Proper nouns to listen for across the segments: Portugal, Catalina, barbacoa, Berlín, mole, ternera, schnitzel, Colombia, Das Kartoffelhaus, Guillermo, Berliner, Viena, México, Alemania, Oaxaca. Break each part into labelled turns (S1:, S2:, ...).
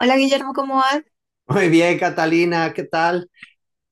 S1: Hola Guillermo, ¿cómo vas?
S2: Muy bien, Catalina, ¿qué tal?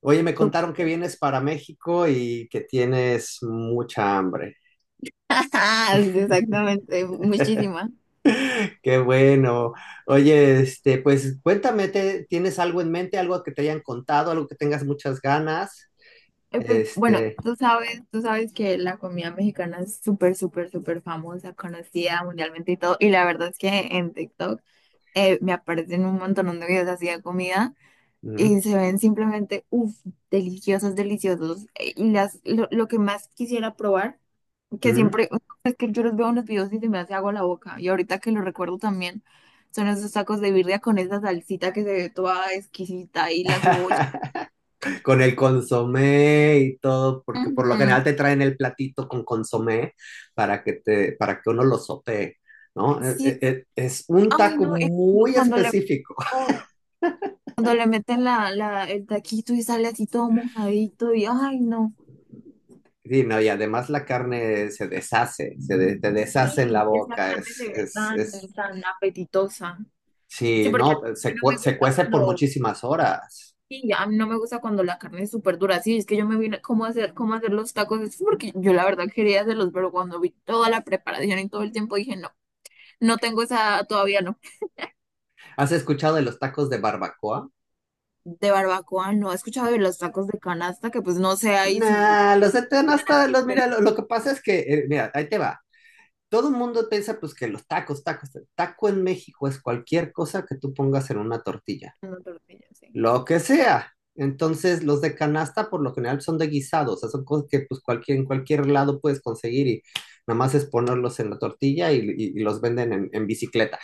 S2: Oye, me
S1: Tú.
S2: contaron que vienes para México y que tienes mucha hambre.
S1: Ajá, sí, exactamente, muchísima.
S2: Qué bueno. Oye, pues cuéntame, ¿tienes algo en mente, algo que te hayan contado, algo que tengas muchas ganas?
S1: Pues bueno,
S2: Este,
S1: tú sabes que la comida mexicana es súper, súper, súper famosa, conocida mundialmente y todo. Y la verdad es que en TikTok me aparecen un montón de videos así de comida
S2: mm,
S1: y se ven simplemente, uff, deliciosos, deliciosos. Y lo que más quisiera probar. que
S2: mm.
S1: siempre, es que yo los veo en los videos y se me hace agua la boca. Y ahorita que lo recuerdo también, son esos tacos de birria con esa salsita que se ve toda exquisita y la cebolla.
S2: Con el consomé y todo, porque por lo
S1: Ujú.
S2: general te traen el platito con consomé para que te, para que uno lo sopee, ¿no? Es,
S1: Sí,
S2: es es un
S1: ay
S2: taco
S1: no, es
S2: muy específico.
S1: oh, cuando le meten el taquito y sale así todo mojadito y ay no.
S2: Sí, no, y además la carne se deshace, te deshace en la
S1: Sí, esa
S2: boca,
S1: carne
S2: es,
S1: se ve
S2: es,
S1: tan,
S2: es,
S1: tan apetitosa. Sí,
S2: sí,
S1: porque
S2: no,
S1: mí no me
S2: se
S1: gusta
S2: cuece por
S1: cuando
S2: muchísimas horas.
S1: sí ya, a mí no me gusta cuando la carne es súper dura. Sí, es que yo me vine cómo hacer los tacos. Es porque yo la verdad quería hacerlos, pero cuando vi toda la preparación y todo el tiempo dije, no, no tengo esa, todavía no.
S2: ¿Has escuchado de los tacos de barbacoa?
S1: De barbacoa, no he escuchado de los tacos de canasta, que pues no sé ahí si
S2: Nah, los de Teno
S1: dicen
S2: hasta
S1: así,
S2: los,
S1: pero
S2: mira, lo que pasa es que, mira, ahí te va. Todo el mundo piensa pues que los tacos, tacos, taco en México es cualquier cosa que tú pongas en una tortilla.
S1: no tortillas, sí.
S2: Lo que sea. Entonces, los de canasta por lo general son de guisado, o sea, son cosas que pues en cualquier lado puedes conseguir y nada más es ponerlos en la tortilla y los venden en bicicleta.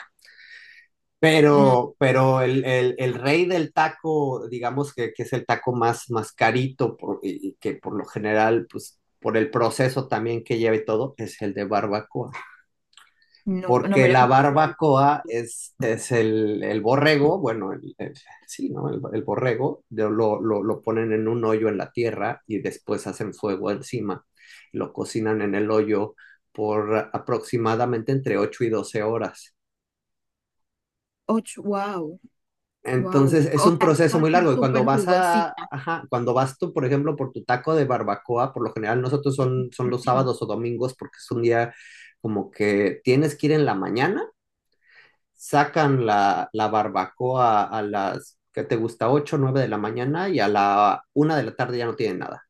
S1: Mm,
S2: Pero el rey del taco, digamos que es el taco más carito y que por lo general, pues por el proceso también que lleva y todo, es el de barbacoa
S1: nunca, no,
S2: porque
S1: mira
S2: la
S1: que
S2: barbacoa es el borrego, bueno, sí, ¿no? El borrego, lo ponen en un hoyo en la tierra y después hacen fuego encima. Lo cocinan en el hoyo por aproximadamente entre 8 y 12 horas.
S1: ocho, wow, wow.
S2: Entonces es
S1: O
S2: un
S1: sea,
S2: proceso muy
S1: así
S2: largo y cuando
S1: súper
S2: vas a,
S1: jugosita.
S2: ajá, cuando vas tú, por ejemplo, por tu taco de barbacoa, por lo general nosotros son los sábados o domingos porque es un día como que tienes que ir en la mañana sacan la barbacoa a las, ¿que te gusta? 8, 9 de la mañana y a la 1 de la tarde ya no tienen nada.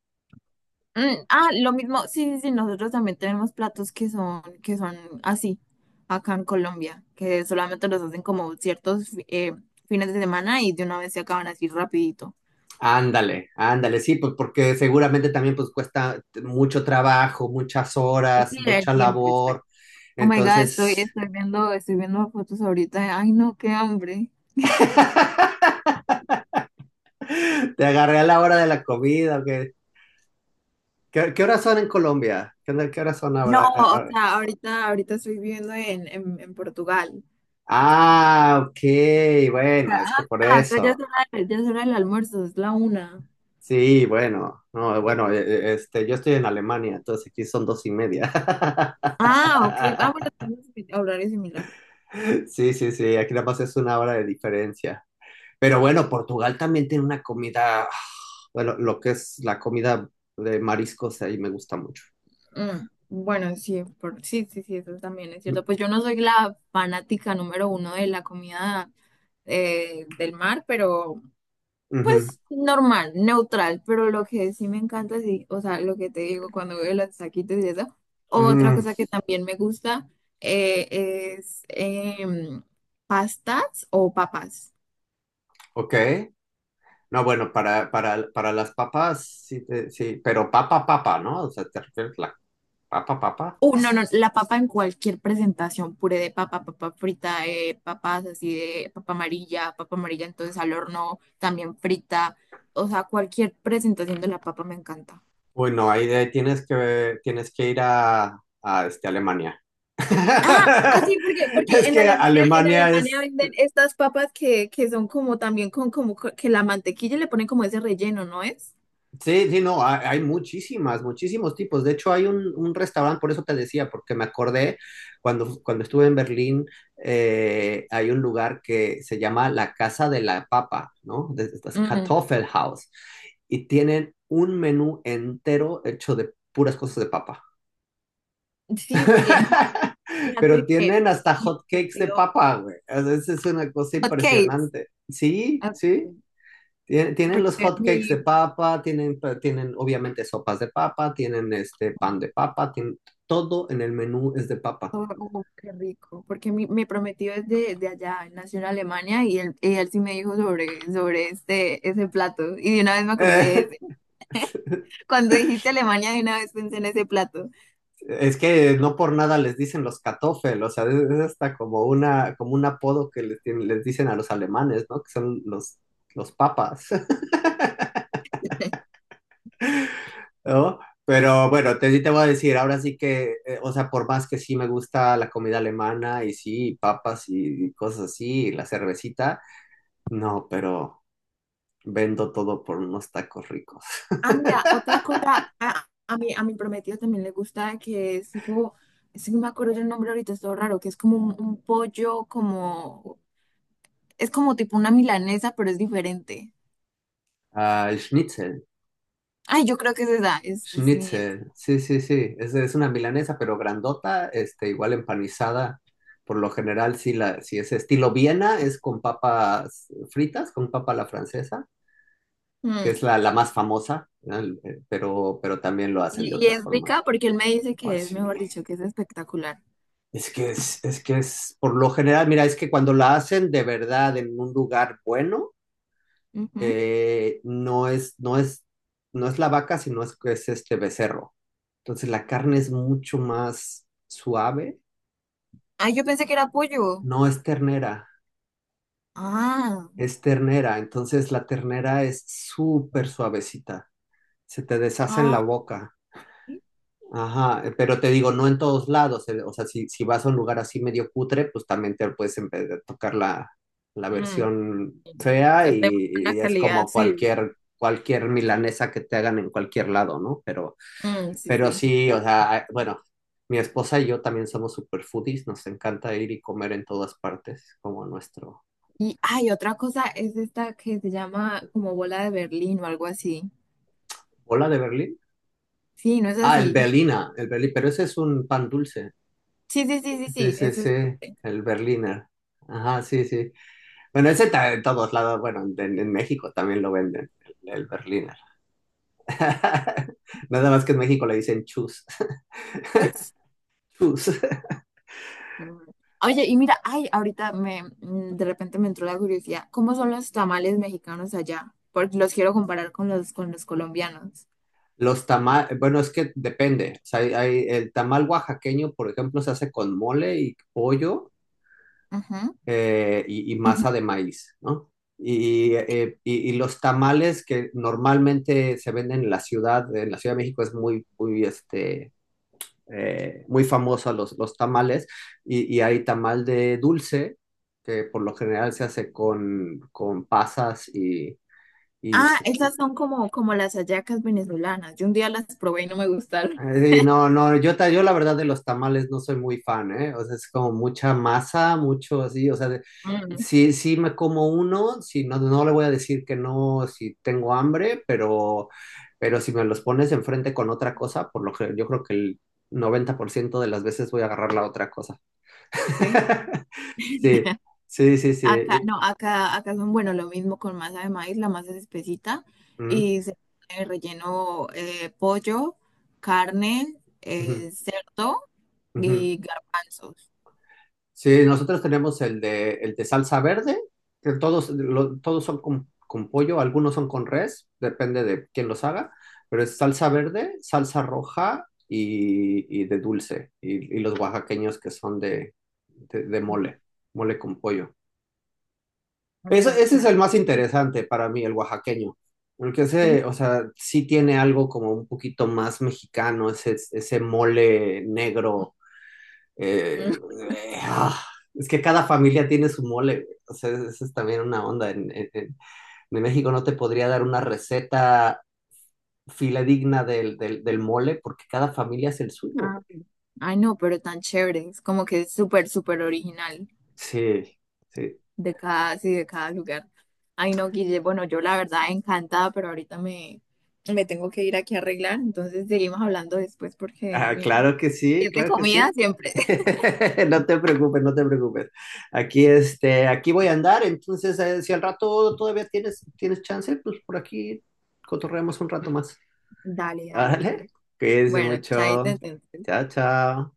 S1: Mm, ah, lo mismo, sí, sí, sí, nosotros también tenemos platos que son así, acá en Colombia, que solamente los hacen como ciertos fines de semana y de una vez se acaban así rapidito.
S2: Ándale, ándale, sí, pues porque seguramente también pues cuesta mucho trabajo, muchas
S1: Es
S2: horas,
S1: que el
S2: mucha
S1: tiempo, exacto.
S2: labor.
S1: Oh my God,
S2: Entonces,
S1: estoy viendo fotos ahorita. Ay, no, qué hambre.
S2: te agarré a la hora de la comida. ¿Qué horas son en Colombia? ¿Qué horas son
S1: No,
S2: ahora? Ah,
S1: o
S2: ah,
S1: sea, ahorita estoy viviendo en, Portugal.
S2: ah, ok, bueno, es que
S1: Ah,
S2: por
S1: acá
S2: eso.
S1: ya es hora del almuerzo, es la una.
S2: Sí, bueno, no, bueno, yo estoy en Alemania, entonces aquí son 2:30.
S1: Ah, ok. Ah, bueno, tenemos horarios similares.
S2: Sí, sí, sí, aquí nada más es 1 hora de diferencia. Pero bueno, Portugal también tiene una comida, bueno, lo que es la comida de mariscos ahí me gusta mucho.
S1: Mm, bueno, sí, sí, sí, sí, eso también es
S2: Mm,
S1: cierto. Pues yo no soy la fanática número uno de la comida del mar, pero
S2: ujú.
S1: normal, neutral. Pero lo que sí me encanta, sí, o sea, lo que te digo cuando veo los taquitos y eso. Otra
S2: Mm,
S1: cosa que también me gusta es pastas o papas.
S2: ok. No, bueno, para las papas, sí, sí, pero papa, papa, ¿no? O sea, ¿te refieres a la papa, papa?
S1: No, no, la papa en cualquier presentación, puré de papa, papa frita, papas así de papa amarilla entonces al horno, también frita, o sea, cualquier presentación de la papa me encanta.
S2: Bueno, ahí tienes que ir a, Alemania.
S1: Ah, así porque
S2: Es
S1: en
S2: que
S1: Alemania en
S2: Alemania
S1: Alemania
S2: es,
S1: venden estas papas que son como también con como que la mantequilla le ponen como ese relleno, ¿no es?
S2: sí, sí, no, hay muchísimos tipos. De hecho, hay un restaurante, por eso te decía, porque me acordé cuando estuve en Berlín, hay un lugar que se llama la Casa de la Papa, ¿no? Das
S1: Mm,
S2: Kartoffelhaus. Y tienen un menú entero hecho de puras cosas de papa.
S1: sí, porque no,
S2: Pero
S1: fíjate que
S2: tienen hasta
S1: mi
S2: hotcakes de
S1: prometido
S2: papa, güey. A veces es una cosa
S1: hot cakes,
S2: impresionante. Sí,
S1: ah,
S2: sí. Tienen los
S1: porque
S2: hotcakes
S1: mi,
S2: de papa, tienen obviamente sopas de papa, tienen este pan de papa, tienen, todo en el menú es de papa.
S1: oh, oh, qué rico, porque mi prometido es de allá, él nació en Alemania y él sí me dijo sobre este, ese plato. Y de una vez me acordé de
S2: Eh,
S1: ese. Cuando dijiste Alemania, de una vez pensé en ese plato.
S2: es que no por nada les dicen los kartoffel, o sea, es hasta como como un apodo que les dicen a los alemanes, ¿no? Que son los papas. ¿No? Pero bueno, sí te voy a decir, ahora sí que, o sea, por más que sí me gusta la comida alemana y sí, papas y cosas así, y la cervecita, no, pero vendo todo por unos tacos ricos.
S1: Ah, mira, otra cosa, a mi prometido también le gusta que es tipo, si no me acuerdo el nombre ahorita, es todo raro, que es como un pollo, es como tipo una milanesa, pero es diferente.
S2: Ah, el schnitzel,
S1: Ay, yo creo que es esa, es, ni-
S2: schnitzel, sí, sí, sí, es una milanesa, pero grandota, igual empanizada. Por lo general, sí, si es estilo Viena, es con papas fritas, con papa a la francesa, que es
S1: Mm.
S2: la más famosa, ¿no? Pero también lo hacen de
S1: Y
S2: otras
S1: es
S2: formas.
S1: rica porque él me dice
S2: Ay,
S1: que es,
S2: sí.
S1: mejor dicho, que es espectacular.
S2: Es que es, por lo general, mira, es que cuando la hacen de verdad en un lugar bueno,
S1: Ujú.
S2: eh, no es, no es, no es la vaca, sino es este becerro. Entonces la carne es mucho más suave.
S1: Ah, yo pensé que era pollo.
S2: No es ternera,
S1: Ah,
S2: es ternera. Entonces la ternera es súper suavecita. Se te deshace en la
S1: ah,
S2: boca.
S1: sí.
S2: Ajá, pero te digo, no en todos lados. O sea, si vas a un lugar así medio cutre, pues también te puedes a tocar la
S1: mm,
S2: versión fea
S1: con-
S2: y,
S1: de muy buena
S2: y es
S1: calidad,
S2: como
S1: sí.
S2: cualquier milanesa que te hagan en cualquier lado, ¿no? Pero,
S1: Mm, sí,
S2: pero
S1: sí.
S2: sí, o sea, bueno, mi esposa y yo también somos super foodies, nos encanta ir y comer en todas partes, como nuestro.
S1: Y hay otra cosa, es esta que se llama como bola de Berlín o algo así.
S2: ¿Bola de Berlín?
S1: Sí, ¿no es
S2: Ah,
S1: así?
S2: El Berlín, pero ese es un pan dulce.
S1: Sí, sí, sí, sí, sí,
S2: Ese
S1: ese
S2: es
S1: es.
S2: el Berliner. Ajá, sí, sí. Bueno, ese está en todos lados, bueno, en, México también lo venden, el Berliner. Nada más que en México le dicen chus.
S1: Ups.
S2: Chus.
S1: Mm. Oye, y mira, ay, de repente me entró la curiosidad, ¿cómo son los tamales mexicanos allá? Porque los quiero comparar con los colombianos.
S2: Los tamales, bueno, es que depende. O sea, el tamal oaxaqueño, por ejemplo, se hace con mole y pollo
S1: Ajá.
S2: y masa de maíz, ¿no? Y los tamales que normalmente se venden en la Ciudad de México es muy, muy, muy famosa los tamales, y, hay tamal de dulce, que por lo general se hace con pasas y
S1: Ah,
S2: s-
S1: esas son como las hallacas venezolanas. Yo un día las probé y no me gustaron.
S2: no, no, yo la verdad de los tamales no soy muy fan, ¿eh? O sea, es como mucha masa, mucho así, o sea,
S1: Mm,
S2: sí, sí me como uno, si no, no le voy a decir que no, si tengo hambre, pero si me los pones enfrente con otra cosa, por lo que yo creo que el 90% de las veces voy a agarrar la otra cosa.
S1: ¿sí?
S2: Sí, sí, sí, sí.
S1: Acá,
S2: y-
S1: no, acá son, bueno, lo mismo con masa de maíz, la masa es espesita
S2: ujú,
S1: y se pone relleno pollo, carne,
S2: ujú,
S1: cerdo
S2: ujú.
S1: y garbanzos.
S2: Sí, nosotros tenemos el de salsa verde, que todos son con pollo, algunos son con res, depende de quién los haga, pero es salsa verde, salsa roja y de dulce, y los oaxaqueños que son de
S1: Mm,
S2: mole, mole con pollo. Eso,
S1: mm,
S2: ese es
S1: suena
S2: el más
S1: rico,
S2: interesante para mí, el oaxaqueño. Porque ese,
S1: ¿sí?
S2: o sea, sí tiene algo como un poquito más mexicano, ese mole negro. eh,
S1: Mm.
S2: eh, ah, es que cada familia tiene su mole, güey. O sea, esa es también una onda. En México no te podría dar una receta filadigna del mole porque cada familia es el suyo,
S1: Ah,
S2: güey.
S1: ay, no, pero tan chévere, es como que es súper, súper original.
S2: Sí, sí.
S1: Sí, de cada lugar. Ay, no, Guille, bueno, yo la verdad encantada, pero ahorita me tengo que ir aquí a arreglar, entonces seguimos hablando después porque Dios
S2: Ah,
S1: mío
S2: claro que
S1: si
S2: sí,
S1: es de
S2: claro que
S1: comida
S2: sí.
S1: siempre.
S2: No te preocupes, no te preocupes. Aquí voy a andar, entonces si al rato todavía tienes chance, pues por aquí cotorreamos un rato más.
S1: Dale, dale,
S2: Órale,
S1: pero
S2: cuídense
S1: bueno, chaito
S2: mucho.
S1: entonces.
S2: Chao, chao.